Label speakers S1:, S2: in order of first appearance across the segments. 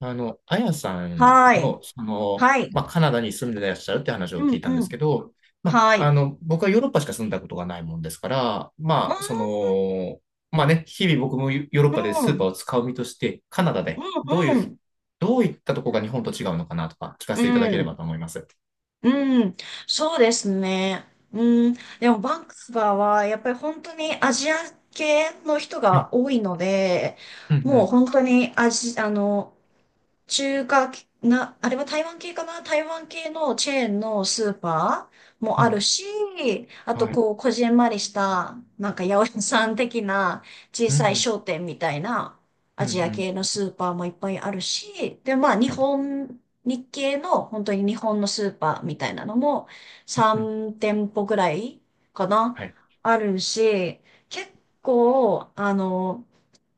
S1: あやさん
S2: はい。
S1: の、
S2: はい。
S1: カナダに住んでらっしゃるって話を
S2: う
S1: 聞
S2: ん、
S1: いたんで
S2: う
S1: す
S2: ん。
S1: けど、
S2: はい。
S1: 僕はヨーロッパしか住んだことがないもんですから、
S2: うん、
S1: まあね、日々僕もヨーロッ
S2: う
S1: パでスー
S2: ん、
S1: パーを使う身として、カナダで
S2: うん、
S1: どういったとこが日本と違うのかなとか聞か
S2: う
S1: せていただけれ
S2: ん、
S1: ばと思います。
S2: うん。そうですね。うん。でも、バンクスバーは、やっぱり本当にアジア系の人
S1: は
S2: が
S1: い。
S2: 多いので、
S1: うんう
S2: もう
S1: ん。
S2: 本当に中華系、あれは台湾系かな。台湾系のチェーンのスーパーも
S1: う
S2: ある
S1: ん。
S2: し、あと
S1: はい。
S2: こう、こじんまりした、なんか八百屋さん的な小
S1: うんう
S2: さい
S1: ん。
S2: 商店みたいな
S1: う
S2: ア
S1: んう
S2: ジア
S1: ん。
S2: 系のスーパーもいっぱいあるし、で、
S1: はい。
S2: 日系の本当に日本のスーパーみたいなのも
S1: うん。
S2: 3店舗ぐらいかな
S1: はい。
S2: あるし、結構、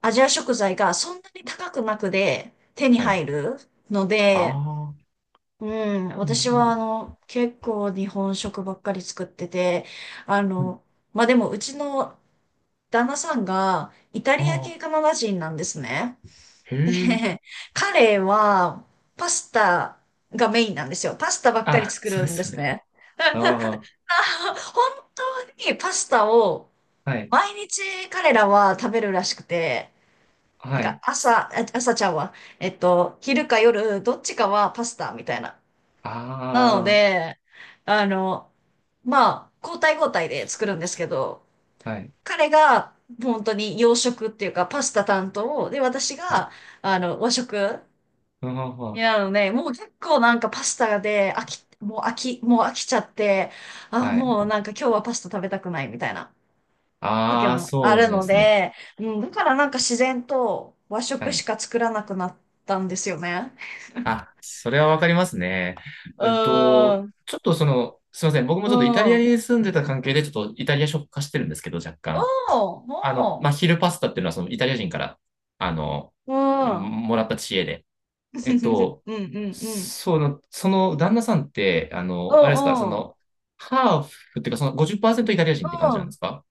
S2: アジア食材がそんなに高くなくで手に
S1: はい。
S2: 入るの
S1: あ
S2: で、
S1: あ。
S2: うん、
S1: うんう
S2: 私は
S1: ん。
S2: 結構日本食ばっかり作ってて、あ
S1: うん。
S2: の、まあ、でもうちの旦那さんがイタ
S1: あ
S2: リア系カ
S1: あ。
S2: ナダ人なんですね。
S1: へ
S2: で、
S1: え。
S2: 彼はパスタがメインなんですよ。パスタばっかり
S1: あ、
S2: 作
S1: そう
S2: る
S1: で
S2: んで
S1: すよ
S2: す
S1: ね。
S2: ね。
S1: ああ。
S2: 本当にパスタを
S1: はい。
S2: 毎日彼らは食べるらしくて、な
S1: は
S2: んか
S1: い。
S2: 朝ちゃんは、昼か夜、どっちかはパスタみたいな。なの
S1: あ
S2: で、あの、まあ、交代交代で作るんですけど、
S1: あ、はい。
S2: 彼が本当に洋食っていうかパスタ担当で、私
S1: はい。
S2: が、和食
S1: うんほんほ
S2: に
S1: ん、
S2: なるので、もう結構なんかパスタで飽きちゃって、あ、
S1: はい。
S2: もうなんか今日はパスタ食べたくないみたいな時
S1: ああ、
S2: もあ
S1: そうな
S2: る
S1: んで
S2: の
S1: すね。
S2: で、うん、だからなんか自然と和
S1: は
S2: 食し
S1: い。
S2: か作らなくなったんですよね。
S1: あ、それはわかりますね。
S2: うーん、
S1: ちょっとすいません。僕も
S2: う
S1: ちょっとイタリア
S2: ん。
S1: に住んでた関係で、ちょっとイタリア食化してるんですけど、若干。
S2: おう、お
S1: 昼パスタっていうのは、そのイタリア人から、あの、
S2: う。うん。うん
S1: もらった知恵で。えっと、
S2: うんうん。
S1: その旦那さんって、
S2: う
S1: あれですか、
S2: んうん。
S1: ハーフっていうか、その50%イタリア
S2: う
S1: 人って感じなんで
S2: ん。
S1: すか？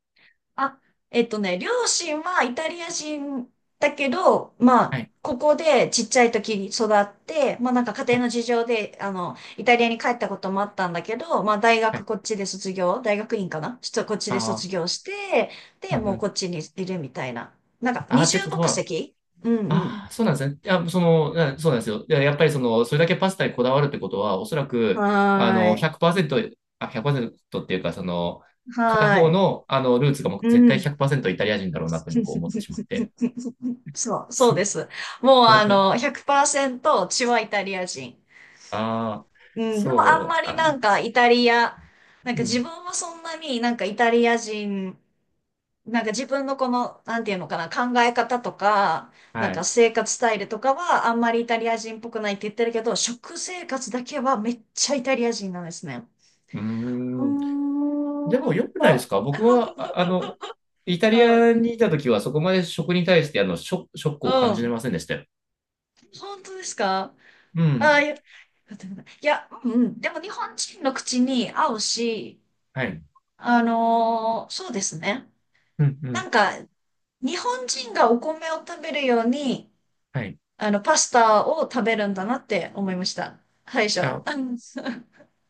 S2: あ、えっとね、両親はイタリア人だけど、ま
S1: は
S2: あ、
S1: い
S2: ここでちっちゃい時に育って、まあなんか家
S1: は
S2: 庭
S1: い
S2: の事情で、イタリアに帰ったこともあったんだけど、まあ大
S1: は
S2: 学
S1: い。
S2: こっちで卒業、大学院かなちょっとこっちで卒
S1: ああ
S2: 業して、
S1: う
S2: で、
S1: んう
S2: もうこ
S1: ん。
S2: っちにいるみたいな。なんか
S1: ああ、
S2: 二
S1: って
S2: 重
S1: こと
S2: 国
S1: は、
S2: 籍。うんうん。
S1: ああ、そうなんですね。いや、そうなんですよ。いや、やっぱりそれだけパスタにこだわるってことは、おそらく、
S2: はーい。
S1: 100%、あ、100%っていうか、片
S2: は
S1: 方
S2: ーい。
S1: の、ルーツがもう
S2: う
S1: 絶対
S2: ん。
S1: 100%イタリア人だろうなって僕思ってしまって。
S2: そう、そうです。もうあの、100%血はイタリア人。
S1: ああ、
S2: うん、でもあん
S1: そ
S2: ま
S1: う、
S2: り
S1: あ、
S2: なんかイタリア、なん
S1: う
S2: か自
S1: ん、
S2: 分はそんなになんかイタリア人、なんか自分のこの、なんていうのかな、考え方とか、な
S1: は
S2: んか
S1: い。
S2: 生活スタイルとかはあんまりイタリア人っぽくないって言ってるけど、食生活だけはめっちゃイタリア人なんですね。
S1: うー
S2: うー
S1: ん。
S2: ん、
S1: でも
S2: 本
S1: 良くないで
S2: 当。
S1: すか？僕は、あ、イタ
S2: う
S1: リ
S2: ん、
S1: アにいた時はそこまで食に対して、ショックを
S2: う
S1: 感じれ
S2: ん。
S1: ませんでしたよ。
S2: 本当ですか？
S1: う
S2: ああ、
S1: ん。
S2: いや、いや、うん、うん。でも日本人の口に合うし、
S1: はい。
S2: あのーそうですね。
S1: うんう
S2: な
S1: ん、
S2: んか、日本人がお米を食べるように、
S1: はい。い
S2: パスタを食べるんだなって思いました。最初。
S1: や、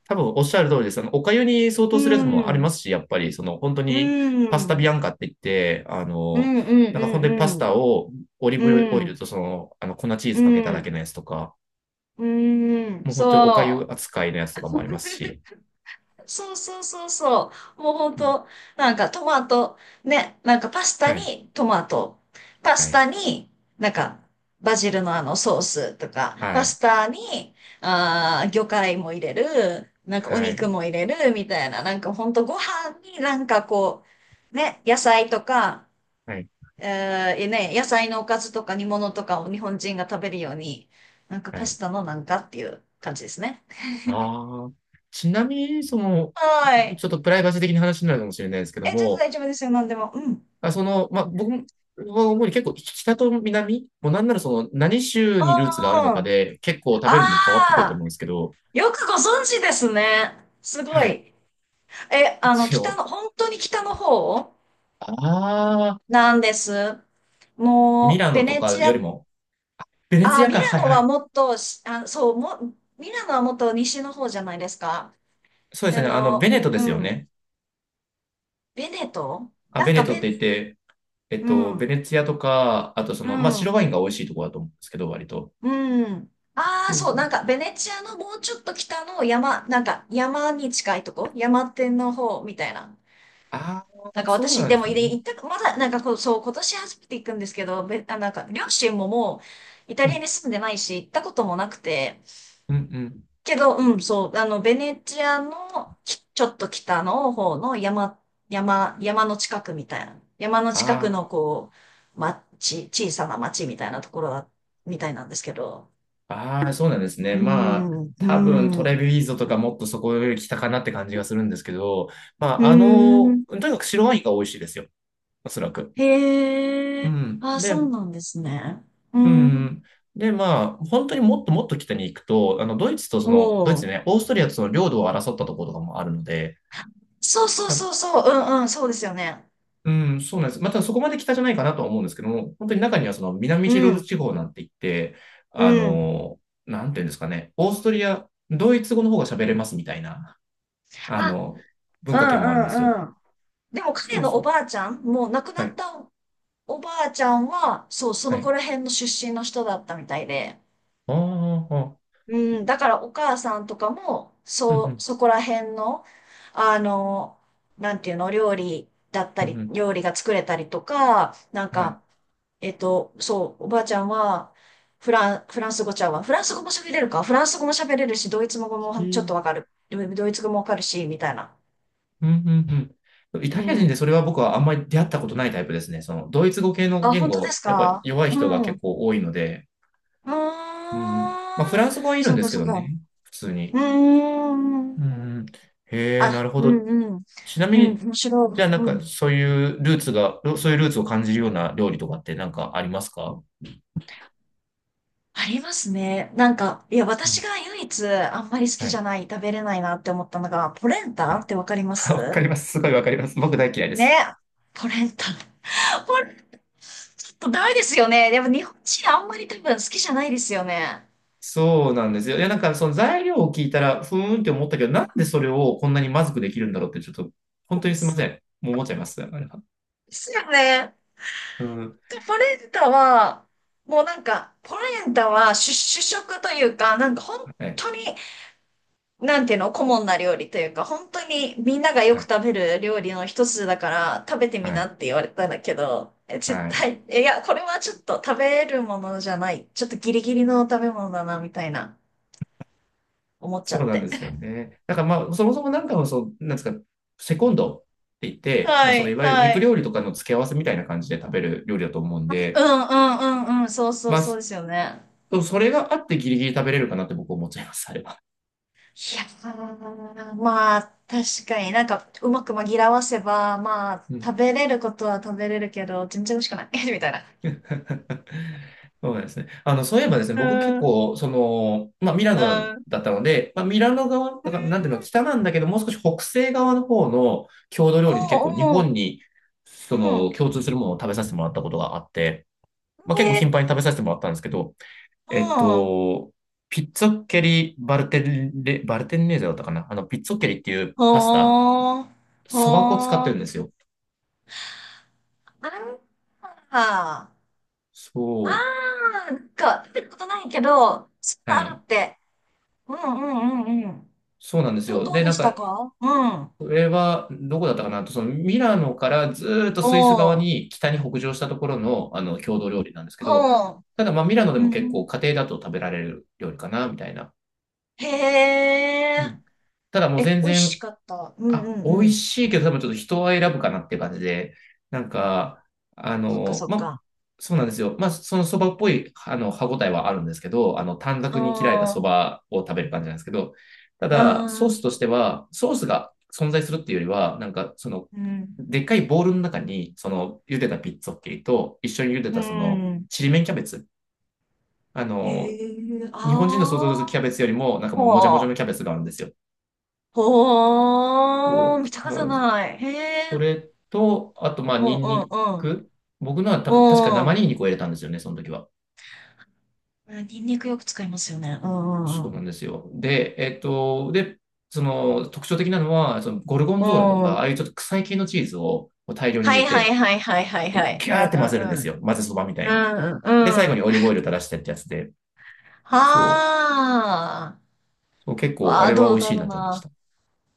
S1: 多分おっしゃる通りです。お粥に相
S2: う
S1: 当するやつもあり
S2: ん。
S1: ますし、やっぱり、本当
S2: う
S1: に、
S2: ん。う
S1: パスタビア
S2: ん。
S1: ンカって言って、
S2: うんう
S1: なんか本当にパス
S2: んうん
S1: タをオリー
S2: う
S1: ブオ
S2: ん。
S1: イ
S2: うん。
S1: ルと粉チー
S2: う
S1: ズかけただけ
S2: ん。
S1: のやつとか、
S2: うん。
S1: もう本当にお
S2: そ
S1: 粥
S2: う。
S1: 扱いのやつとかもありますし。
S2: そうそうそうそう。もうほん
S1: うん、
S2: と、なんかトマト、ね、なんかパス
S1: は
S2: タ
S1: い、
S2: にトマト、パ
S1: は
S2: ス
S1: い、
S2: タになんかバジルのあのソースとか、
S1: は
S2: パ
S1: い、
S2: スタに、あー、魚介も入れる、なんかお
S1: は
S2: 肉
S1: い、
S2: も入れるみたいな、なんかほんとご飯になんかこう、ね、野菜とか、
S1: はい、
S2: えー、ね、野菜のおかずとか煮物とかを日本人が食べるように、なんか
S1: は
S2: パス
S1: い。
S2: タのなんかっていう感じですね。
S1: ああ、ちなみに、
S2: はい。
S1: ちょっとプライバシー的な話になるかもしれないですけ
S2: え、
S1: ど
S2: 全然
S1: も、
S2: 大丈夫ですよ、なんでも。うん。
S1: 僕は主に結構北と南、もうなんならその何州にルーツがあ
S2: う
S1: る
S2: ん
S1: の
S2: う
S1: か
S2: ん。
S1: で結構食
S2: あ
S1: べるもん変わってくると思
S2: あ、
S1: うんですけど、
S2: よくご存知ですね。すご
S1: はい、
S2: い。え、あの、
S1: 一
S2: 北
S1: 応。
S2: の、本当に北の方
S1: ああ、
S2: なんです。
S1: ミ
S2: も
S1: ラ
S2: う、ベ
S1: ノと
S2: ネ
S1: か
S2: チ
S1: より
S2: ア、
S1: も、ベネツ
S2: あ
S1: ィ
S2: ー、
S1: アか、はいはい。
S2: ミラノはもっと西の方じゃないですか。
S1: そうです
S2: あ
S1: ね、ベ
S2: の、
S1: ネトで
S2: う
S1: すよ
S2: ん。
S1: ね。
S2: ベネト
S1: あ、
S2: なん
S1: ベ
S2: か
S1: ネトっ
S2: ベネ、
S1: て言って、
S2: う
S1: ベ
S2: ん、
S1: ネツィアとか、あと
S2: うん、
S1: 白ワインが美味しいところだと思うんですけど、割と。
S2: うん。ああ、
S1: そうそ
S2: そう、な
S1: う。
S2: んかベネチアのもうちょっと北の山、なんか山に近いとこ、山手の方みたいな。
S1: あ
S2: なん
S1: あ、
S2: か
S1: そう
S2: 私、
S1: なん
S2: で
S1: で
S2: も、
S1: すね。
S2: 行った、まだ、なんかこう、そう、今年初めて行くんですけど、なんか、両親ももうイタ
S1: う
S2: リア
S1: ん、
S2: に住んでないし、行ったこともなくて、
S1: うん、うん。
S2: けど、うん、そう、あの、ベネチアの、ちょっと北の方の山、山の近くみたいな、山の近くの、
S1: あー。
S2: こう、町、小さな町みたいなところだみたいなんですけど、
S1: ああ、そうなんです
S2: うー
S1: ね。まあ、
S2: ん、うー
S1: 多分ト
S2: ん、
S1: レビーゾとかもっとそこより北かなって感じがするんですけど、ま
S2: うー
S1: あ、
S2: ん、
S1: とにかく白ワインが美味しいですよ。おそらく。
S2: へ
S1: う
S2: え、
S1: ん。
S2: あ、
S1: で、
S2: そうなんですね。うー
S1: う
S2: ん、
S1: ん。で、まあ、本当にもっともっと北に行くと、ドイ
S2: お
S1: ツ
S2: ー。
S1: ね、オーストリアとその領土を争ったところとかもあるので、
S2: そうそう
S1: だ
S2: そうそう、うんうん、そうですよね。
S1: うん、そうなんです。またそこまで北じゃないかなとは思うんですけども、本当に中にはその南チ
S2: う
S1: ロル
S2: ん、
S1: 地方なんて言って、
S2: うん。
S1: なんていうんですかね、オーストリア、ドイツ語の方が喋れますみたいな。あ
S2: あ、
S1: の、
S2: う
S1: 文
S2: ん
S1: 化圏もあるんですよ。
S2: うんうん。でも彼
S1: そう
S2: のお
S1: そう。
S2: ばあちゃん、もう亡くな
S1: は
S2: っ
S1: い。
S2: たおばあちゃんは、そう、そ
S1: は
S2: のこ
S1: い。
S2: ら辺の出身の人だったみたいで。
S1: ああ、
S2: うん、だからお母さんとかも、
S1: うんう
S2: そう、
S1: ん、
S2: そこら辺の、あの、なんていうの、料理だった
S1: うん
S2: り、
S1: うん。
S2: 料理が作れたりとか、なん
S1: はい。
S2: か、そう、おばあちゃんは、フランス語ちゃうわ。フランス語も喋れるか。フランス語も喋れるし、ドイツ語も
S1: ひ
S2: ちょっとわかる。ドイツ語もわかるし、みたいな。
S1: うんうんうん。イ
S2: う
S1: タリア人で
S2: ん。
S1: それは僕はあんまり出会ったことないタイプですね。ドイツ語系の
S2: あ、
S1: 言
S2: 本当で
S1: 語、
S2: す
S1: やっぱ
S2: か？
S1: 弱い
S2: う
S1: 人が
S2: ん。う
S1: 結構多いので、
S2: ー
S1: うんうん。まあ、フラ
S2: ん。
S1: ンス語はいる
S2: そ
S1: ん
S2: う
S1: で
S2: か、
S1: すけ
S2: そう
S1: ど
S2: か。
S1: ね、普通に。
S2: うーん。
S1: うんうん。へえ、な
S2: あ、
S1: るほ
S2: う
S1: ど。
S2: んうん。
S1: ちな
S2: う
S1: み
S2: ん、
S1: に、
S2: 面
S1: じ
S2: 白
S1: ゃあ
S2: い。
S1: なん
S2: う
S1: か
S2: ん。
S1: そういうルーツが、そういうルーツを感じるような料理とかってなんかありますか？
S2: ありますね。なんか、いや、
S1: う
S2: 私
S1: ん、
S2: が唯一あんまり好き
S1: は
S2: じゃ
S1: い。
S2: ない、食べれないなって思ったのが、ポレン
S1: は
S2: タっ
S1: い。
S2: てわかりま
S1: わか
S2: す？
S1: ります。すごいわかります。僕大嫌いです。
S2: ね。ポレンタ。ちょっとダメですよね。でも日本人あんまり多分好きじゃないですよね。
S1: そうなんですよ。いや、なんかその材料を聞いたら、ふーんって思ったけど、なんでそれをこんなにまずくできるんだろうって、ちょっと、本当にすみま
S2: で
S1: せん。もう思っちゃいます。あれは。
S2: すよね。
S1: うん。
S2: でポレンタは、もうなんか、ポレンタは主、主食というか、なんか本
S1: はい。
S2: 当に、なんていうの、顧問な料理というか、本当にみんながよ
S1: は
S2: く
S1: い。
S2: 食べる料理の一つだから、食べて
S1: は
S2: みな
S1: い。
S2: って言われたんだけど、え絶
S1: はい。
S2: 対、えいや、これはちょっと食べるものじゃない。ちょっとギリギリの食べ物だな、みたいな、思っちゃ
S1: そう
S2: っ
S1: なん
S2: て。
S1: ですよ ね。だからまあ、そもそもなんかもそう、なんですか、セコンドって言って、ま
S2: は
S1: あ、その
S2: い、
S1: いわゆる
S2: は
S1: 肉
S2: い。
S1: 料理とかの付け合わせみたいな感じで食べる料理だと思うん
S2: う
S1: で、
S2: んうんうんうん、そうそう
S1: ま
S2: そう
S1: あ、
S2: ですよね。
S1: それがあってギリギリ食べれるかなって僕思っちゃいます。あれは。
S2: いやー、まあ、確かになんか、うまく紛らわせば、まあ、
S1: う
S2: 食
S1: ん。
S2: べれることは食べれるけど、全然美味しくない。みたいな。
S1: そうですね。そういえばですね、
S2: う
S1: 僕結
S2: ん、うん。
S1: 構、まあ、ミラ
S2: う
S1: ノ
S2: ん
S1: だったので、まあ、ミラノ側、だから、なんていうの、北なんだけど、もう少し北西側の方の郷土料理で結
S2: お
S1: 構日
S2: う
S1: 本に、
S2: おう、
S1: 共通するものを食べさせてもらったことがあって、まあ、
S2: うん。
S1: 結構頻繁
S2: え、
S1: に食べさせてもらったんですけど、
S2: う
S1: えっ
S2: ん。
S1: と、ピッツォッケリバルテンネーゼだったかな、あの、ピッツォッケリっていうパスタ、
S2: ほー、
S1: そば粉を使っ
S2: ほ
S1: てる
S2: ー。
S1: んですよ。
S2: あー、あー、
S1: そう。
S2: なんか、食べたことないけど、そん
S1: は
S2: なある
S1: い。
S2: って。うんうんうんうん。
S1: そうなんですよ。
S2: どう
S1: で、
S2: で
S1: なん
S2: した
S1: か、
S2: か？うん。
S1: それは、どこだったかな、と、そのミラノからずーっと
S2: お
S1: スイス側
S2: ー。
S1: に北に北上したところの、郷土料理なんですけど、
S2: はあ。
S1: ただ、まあ、ミラノで
S2: う
S1: も結
S2: ん。
S1: 構家庭だと食べられる料理かな、みたいな。
S2: へ
S1: う
S2: え。
S1: ん。ただもう
S2: え、
S1: 全
S2: 美味し
S1: 然、
S2: かった？うんう
S1: あ、美
S2: んう
S1: 味
S2: ん。
S1: しいけど多分ちょっと人は選ぶかなって感じで、なんか、あ
S2: そっか
S1: の、
S2: そっ
S1: ま、
S2: か。
S1: そうなんですよ。まあ、そのそばっぽい、歯ごたえはあるんですけど、短
S2: あ
S1: 冊に切られた
S2: あ、
S1: そ
S2: あ
S1: ばを食べる感じなんですけど、ただ、ソース
S2: あ、
S1: としては、ソースが存在するっていうよりは、なんか、
S2: うん。
S1: でっかいボウルの中に、その、茹でたピッツォッケリと、一緒に茹で
S2: う
S1: たその、
S2: ん。
S1: ちりめんキャベツ。あ
S2: へ
S1: の、
S2: え、
S1: 日本人の想像
S2: あ
S1: するキ
S2: あ、
S1: ャベツよりも、なんかもうもじゃも
S2: ほ
S1: じ
S2: う、
S1: ゃのキャベツがあるんですよ。
S2: ほ
S1: を
S2: う、見
S1: か
S2: たことない。へ
S1: そ
S2: え、
S1: れと、あと、まあ、
S2: うんう
S1: ニン
S2: ん
S1: ニ
S2: うん、
S1: ク。僕のは多
S2: う
S1: 分、確か
S2: ん。
S1: 生
S2: うん。
S1: ニンニクを入れたんですよね、その時は。
S2: ニンニクよく使いますよね。うんう
S1: そ
S2: ん
S1: う
S2: う
S1: なんですよ。で、えっと、で、その特徴的なのは、そのゴルゴンゾーラと
S2: ん。うん。
S1: か、ああいうちょっと臭い系のチーズを大量に
S2: は
S1: 入れ
S2: いはい
S1: て、
S2: はいはいはい
S1: で
S2: はい。
S1: ギ
S2: う
S1: ャーって混ぜるんです
S2: ん
S1: よ。混ぜそばみた
S2: うんう
S1: いに。
S2: ん。うんう
S1: で、最
S2: んう
S1: 後に
S2: ん。
S1: オリーブオイル垂らしてってやつで、
S2: は
S1: そ
S2: あ。
S1: う、そう結構、
S2: わ
S1: あ
S2: あ、
S1: れは
S2: ど
S1: 美
S2: う
S1: 味
S2: だ
S1: しい
S2: ろう
S1: なって思いまし
S2: な。
S1: た。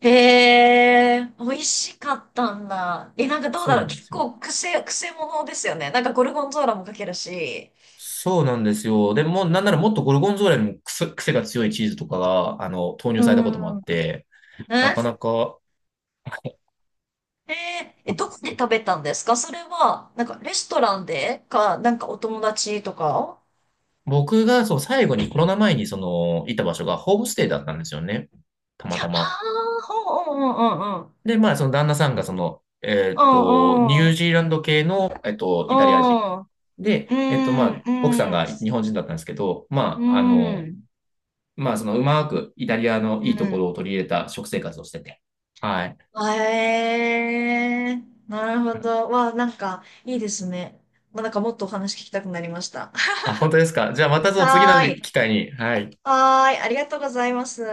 S2: へえ、美味しかったんだ。え、なんかどうだ
S1: そう
S2: ろう。
S1: なんで
S2: 結
S1: すよ。
S2: 構癖者ですよね。なんかゴルゴンゾーラもかけるし。
S1: そうなんですよ。でも、なんならもっとゴルゴンゾーラよりも癖が強いチーズとかが、投
S2: う
S1: 入されたこともあっ
S2: ん。
S1: て、
S2: え、
S1: な
S2: へ
S1: かなか
S2: ーえ、どこで食べたんですか？それは、なんかレストランでか、なんかお友達とか。
S1: 僕がそう最後にコロナ前にそのいた場所がホームステイだったんですよね。たまた
S2: あ
S1: ま。
S2: あほう、うんうんうんうん。
S1: で、まあその旦那さんが
S2: う
S1: ニ
S2: んうん。
S1: ュージーランド系の、イタリア人。
S2: う
S1: で、ま
S2: ん
S1: あ奥さん
S2: うん。
S1: が日本人だったんですけど、
S2: う
S1: ま
S2: ん。うん。
S1: まあそのうまくイタリアの
S2: う
S1: いいとこ
S2: ん。
S1: ろを取り入れた食生活をしてて。はい。
S2: あえー、なるほど。わあ、なんか、いいですね。まあ、なんかもっとお話聞きたくなりました。
S1: あ、本当ですか。じゃあまた その次の
S2: はーい。
S1: 機会に、はい。
S2: はーい。ありがとうございます。